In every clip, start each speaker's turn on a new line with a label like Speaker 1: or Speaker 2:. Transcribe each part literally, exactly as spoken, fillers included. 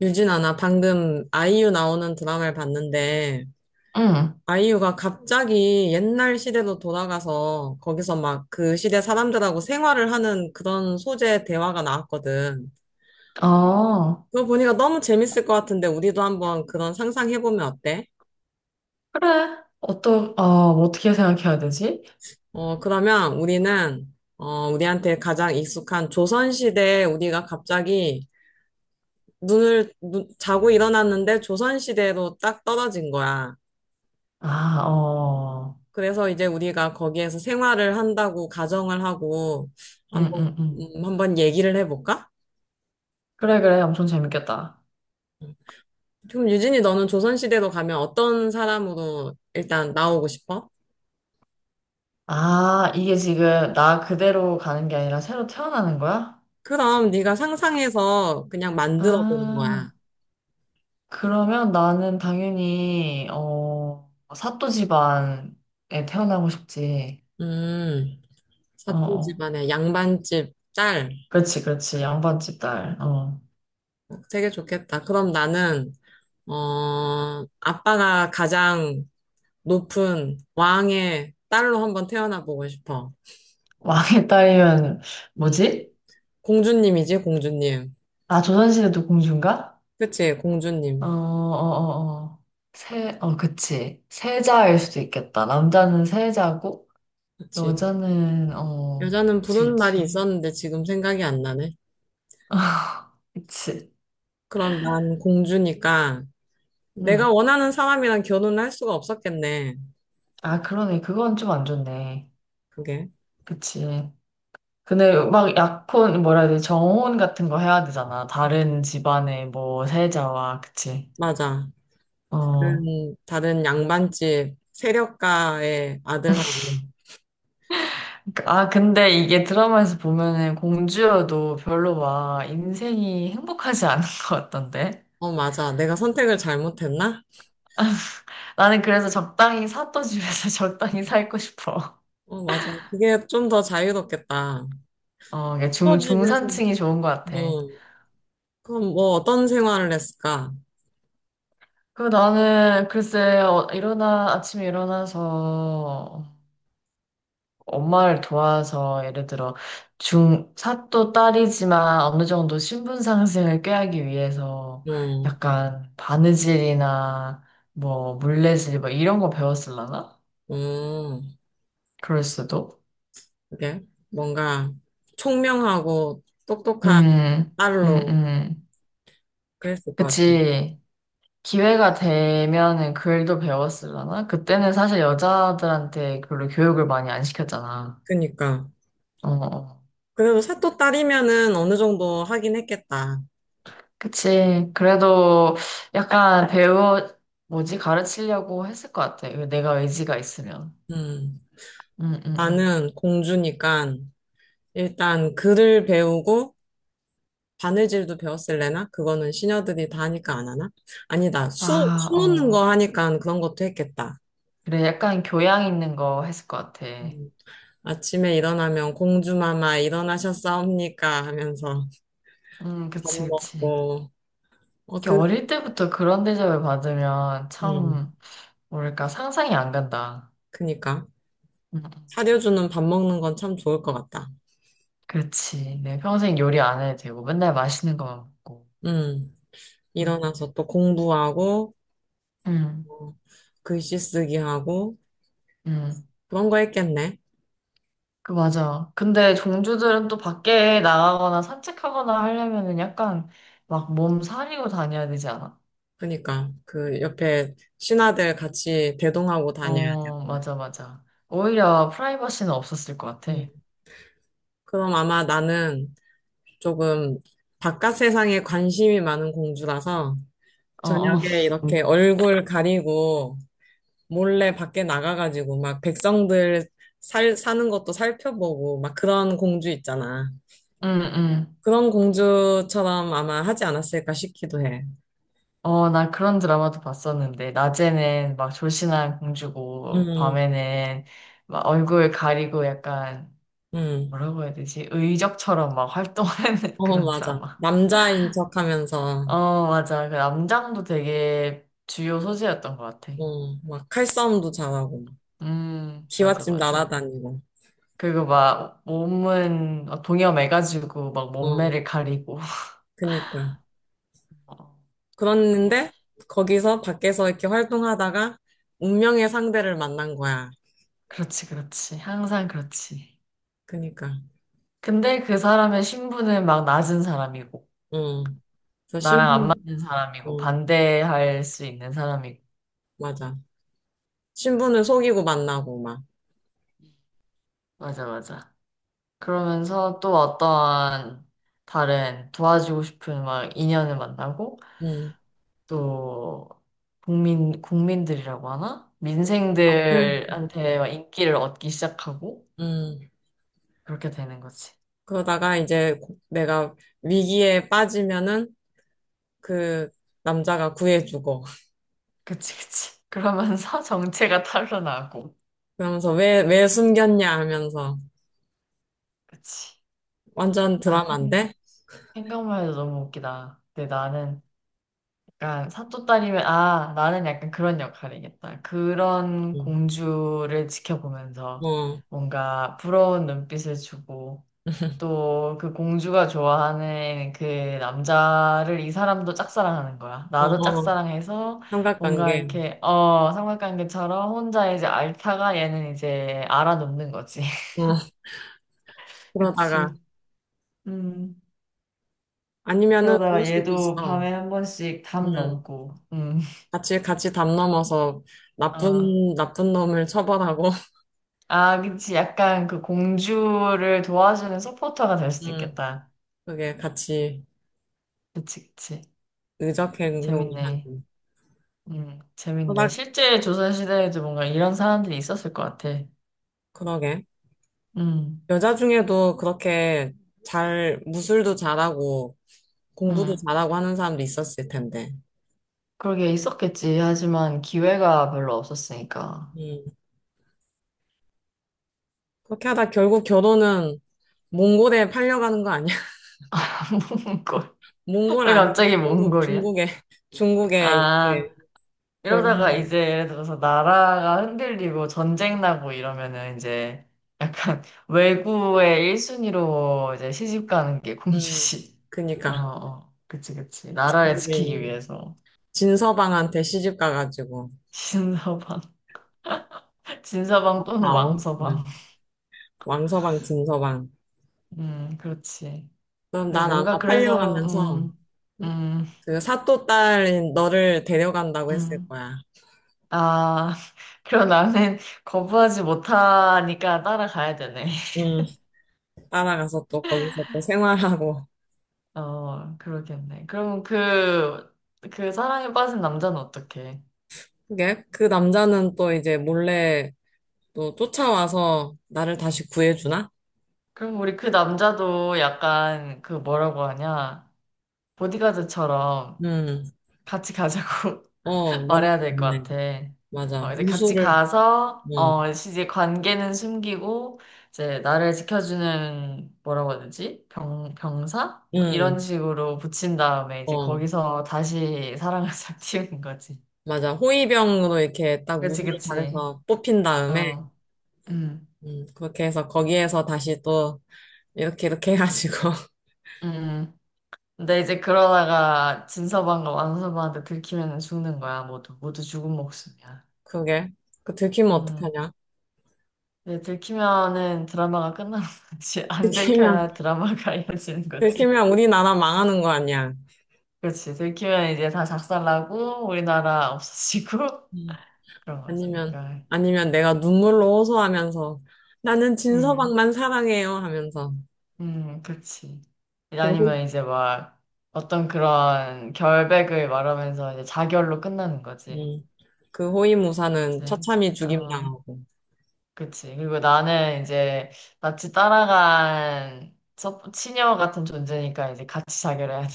Speaker 1: 유진아, 나 방금 아이유 나오는 드라마를 봤는데,
Speaker 2: 응.
Speaker 1: 아이유가 갑자기 옛날 시대로 돌아가서 거기서 막 그 시대 사람들하고 생활을 하는 그런 소재 대화가 나왔거든.
Speaker 2: 어,
Speaker 1: 그거 보니까 너무 재밌을 것 같은데, 우리도 한번 그런 상상해보면 어때?
Speaker 2: 그래. 어떠, 어, 어떻게 생각해야 되지?
Speaker 1: 어, 그러면 우리는, 어, 우리한테 가장 익숙한 조선시대에 우리가 갑자기 눈을, 눈- 자고 일어났는데 조선시대로 딱 떨어진 거야.
Speaker 2: 아, 어.
Speaker 1: 그래서 이제 우리가 거기에서 생활을 한다고 가정을 하고
Speaker 2: 응,
Speaker 1: 한번
Speaker 2: 응, 응.
Speaker 1: 음, 한번 얘기를 해볼까?
Speaker 2: 그래, 그래. 엄청 재밌겠다.
Speaker 1: 그럼 유진이 너는 조선시대로 가면 어떤 사람으로 일단 나오고 싶어?
Speaker 2: 아, 이게 지금 나 그대로 가는 게 아니라 새로 태어나는 거야?
Speaker 1: 그럼 네가 상상해서 그냥 만들어 보는 거야.
Speaker 2: 아, 그러면 나는 당연히, 어, 사또 집안에 태어나고 싶지.
Speaker 1: 음,
Speaker 2: 어,
Speaker 1: 사또
Speaker 2: 어.
Speaker 1: 집안의 양반집 딸.
Speaker 2: 그렇지, 그렇지. 양반집 딸. 어.
Speaker 1: 되게 좋겠다. 그럼 나는 어, 아빠가 가장 높은 왕의 딸로 한번 태어나 보고 싶어.
Speaker 2: 왕의 딸이면,
Speaker 1: 음,
Speaker 2: 뭐지?
Speaker 1: 공주님이지, 공주님.
Speaker 2: 아, 조선시대도 공주인가?
Speaker 1: 그치,
Speaker 2: 어, 어,
Speaker 1: 공주님.
Speaker 2: 어, 어. 세, 어, 그치. 세자일 수도 있겠다. 남자는 세자고,
Speaker 1: 그치.
Speaker 2: 여자는, 어,
Speaker 1: 여자는
Speaker 2: 그치,
Speaker 1: 부르는 말이
Speaker 2: 그치.
Speaker 1: 있었는데 지금 생각이 안 나네.
Speaker 2: 그치.
Speaker 1: 그럼 난 공주니까 내가
Speaker 2: 응.
Speaker 1: 원하는 사람이랑 결혼을 할 수가 없었겠네.
Speaker 2: 아, 그러네. 그건 좀 안 좋네.
Speaker 1: 그게.
Speaker 2: 그치. 근데 막 약혼, 뭐라 해야 되지? 정혼 같은 거 해야 되잖아. 다른 집안의 뭐, 세자와, 그치.
Speaker 1: 맞아.
Speaker 2: 어.
Speaker 1: 다른, 다른 양반집 세력가의 아들하고.
Speaker 2: 그러니까- 아, 근데 이게 드라마에서 보면은 공주여도 별로 막 인생이 행복하지 않은 것 같던데.
Speaker 1: 어, 맞아. 내가 선택을 잘못했나?
Speaker 2: 나는 그래서 적당히 샀던 집에서 적당히 살고 싶어.
Speaker 1: 어, 맞아. 그게 좀 더 자유롭겠다.
Speaker 2: 어, 이게 중,
Speaker 1: 또 집에서,
Speaker 2: 중산층이 좋은 것 같아.
Speaker 1: 뭐, 그럼 뭐 어떤 생활을 했을까?
Speaker 2: 그리고 나는 글쎄, 어, 일어나, 아침에 일어나서 엄마를 도와서 예를 들어 중, 사또 딸이지만 어느 정도 신분 상승을 꾀하기 위해서
Speaker 1: 어,
Speaker 2: 약간 바느질이나 뭐 물레질 뭐 이런 거 배웠을라나?
Speaker 1: 어.
Speaker 2: 그럴 수도.
Speaker 1: 그게 뭔가 총명하고 똑똑한
Speaker 2: 음, 음,
Speaker 1: 딸로
Speaker 2: 음.
Speaker 1: 그랬을 것 같아요.
Speaker 2: 그치. 기회가 되면은 글도 배웠을려나 그때는 사실 여자들한테 별로 교육을 많이 안 시켰잖아.
Speaker 1: 그니까.
Speaker 2: 어, 어. 어.
Speaker 1: 그래도 사또 딸이면은 어느 정도 하긴 했겠다.
Speaker 2: 그치. 그래도 약간 배우, 뭐지, 가르치려고 했을 것 같아. 내가 의지가 있으면.
Speaker 1: 음.
Speaker 2: 응, 응, 응.
Speaker 1: 나는 공주니까 일단 글을 배우고 바느질도 배웠을래나? 그거는 시녀들이 다 하니까 안 하나? 아니다. 수,
Speaker 2: 아,
Speaker 1: 수 놓는
Speaker 2: 어.
Speaker 1: 거 하니까 그런 것도 했겠다.
Speaker 2: 그래, 약간 교양 있는 거 했을 것 같아.
Speaker 1: 음. 아침에 일어나면 공주마마 일어나셨사옵니까 하면서
Speaker 2: 응,
Speaker 1: 밥
Speaker 2: 그치, 그치.
Speaker 1: 먹고 어
Speaker 2: 이렇게
Speaker 1: 그
Speaker 2: 어릴 때부터 그런 대접을 받으면
Speaker 1: 음.
Speaker 2: 참, 뭐랄까, 상상이 안 간다.
Speaker 1: 그니까
Speaker 2: 응.
Speaker 1: 사려주는 밥 먹는 건 참 좋을 것 같다.
Speaker 2: 그렇지. 내 평생 요리 안 해도 되고, 맨날 맛있는 거만 먹고.
Speaker 1: 음,
Speaker 2: 음,
Speaker 1: 일어나서 또 공부하고,
Speaker 2: 음,
Speaker 1: 어, 글씨 쓰기 하고,
Speaker 2: 음.
Speaker 1: 그런 거 했겠네.
Speaker 2: 그, 맞아. 근데 종주들은 또 밖에 나가거나 산책하거나 하려면은 약간 막 몸 사리고 다녀야 되지 않아?
Speaker 1: 그니까, 그 옆에 신하들 같이 대동하고 다녀야
Speaker 2: 어,
Speaker 1: 되고.
Speaker 2: 맞아, 맞아. 오히려 프라이버시는 없었을 것 같아.
Speaker 1: 음. 그럼 아마 나는 조금 바깥 세상에 관심이 많은 공주라서
Speaker 2: 어, 어.
Speaker 1: 저녁에 이렇게
Speaker 2: 응,
Speaker 1: 얼굴 가리고 몰래 밖에 나가가지고 막 백성들 살, 사는 것도 살펴보고 막 그런 공주 있잖아.
Speaker 2: 응.
Speaker 1: 그런 공주처럼 아마 하지 않았을까 싶기도 해.
Speaker 2: 어, 나 그런 드라마도 봤었는데, 낮에는 막 졸신한 공주고,
Speaker 1: 음,
Speaker 2: 밤에는 막 얼굴 가리고 약간
Speaker 1: 음.
Speaker 2: 뭐라고 해야 되지? 의적처럼 막 활동하는
Speaker 1: 어,
Speaker 2: 그런
Speaker 1: 맞아.
Speaker 2: 드라마.
Speaker 1: 남자인 척 하면서,
Speaker 2: 어, 맞아. 그 남장도 되게 주요 소재였던 것 같아.
Speaker 1: 어, 막 칼싸움도 잘하고, 막
Speaker 2: 음, 맞아,
Speaker 1: 기와집
Speaker 2: 맞아.
Speaker 1: 날아다니고,
Speaker 2: 그리고 막 몸은 막 동여매가지고 막
Speaker 1: 어,
Speaker 2: 몸매를 가리고.
Speaker 1: 그니까.
Speaker 2: 어,
Speaker 1: 그랬는데, 거기서 밖에서 이렇게 활동하다가, 운명의 상대를 만난 거야.
Speaker 2: 그렇지, 그렇지. 항상 그렇지.
Speaker 1: 그니까,
Speaker 2: 근데 그 사람의 신분은 막 낮은 사람이고,
Speaker 1: 응. 그래서
Speaker 2: 나랑 안
Speaker 1: 신분,
Speaker 2: 맞는 사람이고,
Speaker 1: 응,
Speaker 2: 반대할 수 있는 사람이고.
Speaker 1: 맞아. 신분을 속이고 만나고, 막,
Speaker 2: 맞아, 맞아. 그러면서 또 어떠한 다른 도와주고 싶은 막 인연을 만나고
Speaker 1: 응.
Speaker 2: 또 국민 국민들이라고 하나?
Speaker 1: 앞을, 응.
Speaker 2: 민생들한테 막 인기를 얻기 시작하고
Speaker 1: 응.
Speaker 2: 그렇게 되는 거지.
Speaker 1: 그러다가 이제 고- 내가 위기에 빠지면은 그 남자가 구해주고
Speaker 2: 그치 그치. 그러면서 정체가 탄로나고
Speaker 1: 그러면서 왜, 왜 숨겼냐 하면서
Speaker 2: 그치.
Speaker 1: 완전
Speaker 2: 아 생-
Speaker 1: 드라마인데?
Speaker 2: 생각만 해도 너무 웃기다. 근데 나는 약간 사또딸이면 아 나는 약간 그런 역할이겠다. 그런
Speaker 1: 응.
Speaker 2: 공주를 지켜보면서
Speaker 1: 어,
Speaker 2: 뭔가 부러운 눈빛을 주고 또 그 공주가 좋아하는 그 남자를 이 사람도 짝사랑하는 거야.
Speaker 1: 어,
Speaker 2: 나도
Speaker 1: 어,
Speaker 2: 짝사랑해서 뭔가
Speaker 1: 삼각관계.
Speaker 2: 이렇게 어 삼각관계처럼 혼자 이제 앓다가 얘는 이제 알아놓는 거지.
Speaker 1: 어, 그러다가
Speaker 2: 그치. 음.
Speaker 1: 아니면은 그럴
Speaker 2: 그러다가
Speaker 1: 수도
Speaker 2: 얘도
Speaker 1: 있어.
Speaker 2: 밤에 한 번씩 담
Speaker 1: 응.
Speaker 2: 넘고. 음.
Speaker 1: 같이 같이 담 넘어서
Speaker 2: 어.
Speaker 1: 나쁜 나쁜 놈을 처벌하고
Speaker 2: 아, 그치. 약간 그 공주를 도와주는 서포터가 될 수
Speaker 1: 응.
Speaker 2: 있겠다.
Speaker 1: 그게 같이
Speaker 2: 그치, 그치.
Speaker 1: 의적 행동을
Speaker 2: 재밌네.
Speaker 1: 하는.
Speaker 2: 음, 재밌네.
Speaker 1: 그러
Speaker 2: 실제 조선시대에도 뭔가 이런 사람들이 있었을 것 같아.
Speaker 1: 그러게.
Speaker 2: 음,
Speaker 1: 여자 중에도 그렇게 잘, 무술도 잘하고, 공부도
Speaker 2: 음.
Speaker 1: 잘하고 하는 사람도 있었을 텐데.
Speaker 2: 그러게 있었겠지. 하지만 기회가 별로 없었으니까.
Speaker 1: 음. 그렇게 하다 결국 결혼은 몽골에 팔려가는 거 아니야?
Speaker 2: 몽골.
Speaker 1: 몽골
Speaker 2: 왜
Speaker 1: 아니고
Speaker 2: 갑자기
Speaker 1: 중국,
Speaker 2: 몽골이야?
Speaker 1: 중국에, 중국에
Speaker 2: 아.
Speaker 1: 이렇게
Speaker 2: 이러다가
Speaker 1: 볼모로,
Speaker 2: 이제 예를 들어서 나라가 흔들리고 전쟁 나고 이러면은 이제 약간 외국의 일 순위로 이제 시집 가는 게
Speaker 1: 음,
Speaker 2: 공주시. 어,
Speaker 1: 그니까.
Speaker 2: 어. 그치, 그치. 나라를
Speaker 1: 중국에
Speaker 2: 지키기
Speaker 1: 있는
Speaker 2: 위해서.
Speaker 1: 진서방한테 시집 가가지고,
Speaker 2: 진서방. 진서방 또는
Speaker 1: 아오
Speaker 2: 왕서방.
Speaker 1: 왕서방, 진서방.
Speaker 2: 음, 그렇지.
Speaker 1: 그럼
Speaker 2: 그리고
Speaker 1: 난 아마
Speaker 2: 뭔가 그래서,
Speaker 1: 팔려가면서
Speaker 2: 음, 음,
Speaker 1: 그 사또 딸인 너를 데려간다고 했을
Speaker 2: 음.
Speaker 1: 거야.
Speaker 2: 아, 그럼 나는 거부하지 못하니까 따라가야 되네.
Speaker 1: 음. 따라가서 또 거기서 또 생활하고.
Speaker 2: 어, 그러겠네. 그럼 그, 그 사랑에 빠진 남자는 어떡해?
Speaker 1: 그게 그 남자는 또 이제 몰래 또 쫓아와서 나를 다시 구해주나?
Speaker 2: 그럼 우리 그 남자도 약간 그 뭐라고 하냐? 보디가드처럼
Speaker 1: 음,
Speaker 2: 같이 가자고
Speaker 1: 어, 맞네.
Speaker 2: 말해야 될 것
Speaker 1: 맞네.
Speaker 2: 같아.
Speaker 1: 맞아.
Speaker 2: 어, 이제 같이
Speaker 1: 무술을,
Speaker 2: 가서,
Speaker 1: 응,
Speaker 2: 어, 이제 관계는 숨기고, 이제 나를 지켜주는 뭐라고 해야 되지? 병, 병사? 뭐 이런
Speaker 1: 응,
Speaker 2: 식으로 붙인 다음에 이제
Speaker 1: 어,
Speaker 2: 거기서 다시 사랑을 싹 틔우는 거지.
Speaker 1: 맞아. 호위병으로 이렇게 딱
Speaker 2: 그치,
Speaker 1: 무술을
Speaker 2: 그치.
Speaker 1: 잘해서 뽑힌 다음에,
Speaker 2: 어, 음.
Speaker 1: 음, 그렇게 해서 거기에서 다시 또 이렇게 이렇게 해가지고,
Speaker 2: 음. 근데 이제 그러다가 진서방과 완서방한테 들키면 죽는 거야. 모두 모두 죽은 목숨이야.
Speaker 1: 그게. 그 들키면
Speaker 2: 음.
Speaker 1: 어떡하냐?
Speaker 2: 근데 들키면은 드라마가 끝나는 거지. 안
Speaker 1: 들키면,
Speaker 2: 들켜야 드라마가 이어지는 거지.
Speaker 1: 들키면 우리나라 망하는 거 아니야.
Speaker 2: 그렇지. 들키면 이제 다 작살나고 우리나라 없어지고
Speaker 1: 음.
Speaker 2: 그런 거지.
Speaker 1: 아니면,
Speaker 2: 그러니까
Speaker 1: 아니면 내가 눈물로 호소하면서 나는
Speaker 2: 음,
Speaker 1: 진서방만 사랑해요 하면서
Speaker 2: 음, 그렇지.
Speaker 1: 그 호,
Speaker 2: 아니면 이제 막 어떤 그런 결백을 말하면서 이제 자결로 끝나는 거지.
Speaker 1: 음, 그 호위무사는
Speaker 2: 그치?
Speaker 1: 처참히
Speaker 2: 어.
Speaker 1: 죽임당하고
Speaker 2: 그치. 그리고 나는 이제 나치 따라간 서- 친녀 같은 존재니까 이제 같이 자결 해야 돼.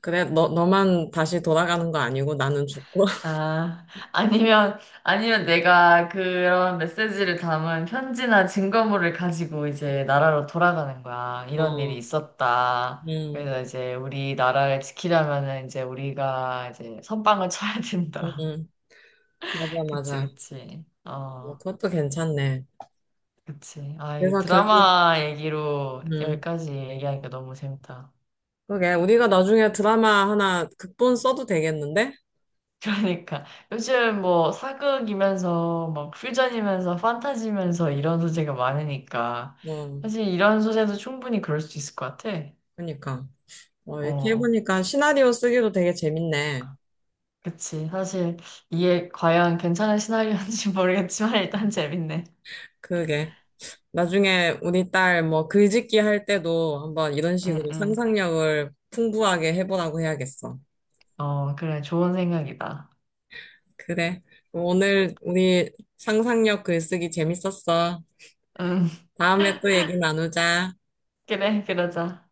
Speaker 1: 그래 너, 너만 다시 돌아가는 거 아니고 나는 죽고
Speaker 2: 아, 아니면, 아니면 내가 그런 메시지를 담은 편지나 증거물을 가지고 이제 나라로 돌아가는 거야. 이런 일이
Speaker 1: 어,
Speaker 2: 있었다.
Speaker 1: 음,
Speaker 2: 그래서 이제 우리 나라를 지키려면은 이제 우리가 이제 선빵을 쳐야
Speaker 1: 음,
Speaker 2: 된다.
Speaker 1: 음. 맞아
Speaker 2: 그치,
Speaker 1: 맞아
Speaker 2: 그치.
Speaker 1: 뭐
Speaker 2: 어,
Speaker 1: 그것도 괜찮네
Speaker 2: 그치. 아, 이
Speaker 1: 그래서 결국
Speaker 2: 드라마 얘기로
Speaker 1: 음,
Speaker 2: 여기까지 얘기하니까 너무 재밌다.
Speaker 1: 그게 우리가 나중에 드라마 하나 극본 써도 되겠는데?
Speaker 2: 그러니까 요즘 뭐 사극이면서 막 퓨전이면서 판타지면서 이런 소재가 많으니까
Speaker 1: 어,
Speaker 2: 사실 이런 소재도 충분히 그럴 수 있을 것 같아.
Speaker 1: 그러니까 어, 이렇게
Speaker 2: 어,
Speaker 1: 해보니까 시나리오 쓰기도 되게 재밌네
Speaker 2: 그치. 사실 이게 과연 괜찮은 시나리오인지 모르겠지만 일단 재밌네.
Speaker 1: 그게 나중에 우리 딸 뭐 글짓기 할 때도 한번 이런
Speaker 2: 응,
Speaker 1: 식으로
Speaker 2: 응.
Speaker 1: 상상력을 풍부하게 해보라고 해야겠어.
Speaker 2: 어, 그래. 좋은 생각이다.
Speaker 1: 그래. 오늘 우리 상상력 글쓰기 재밌었어.
Speaker 2: 응,
Speaker 1: 다음에 또 얘기 나누자.
Speaker 2: 그래, 그러자.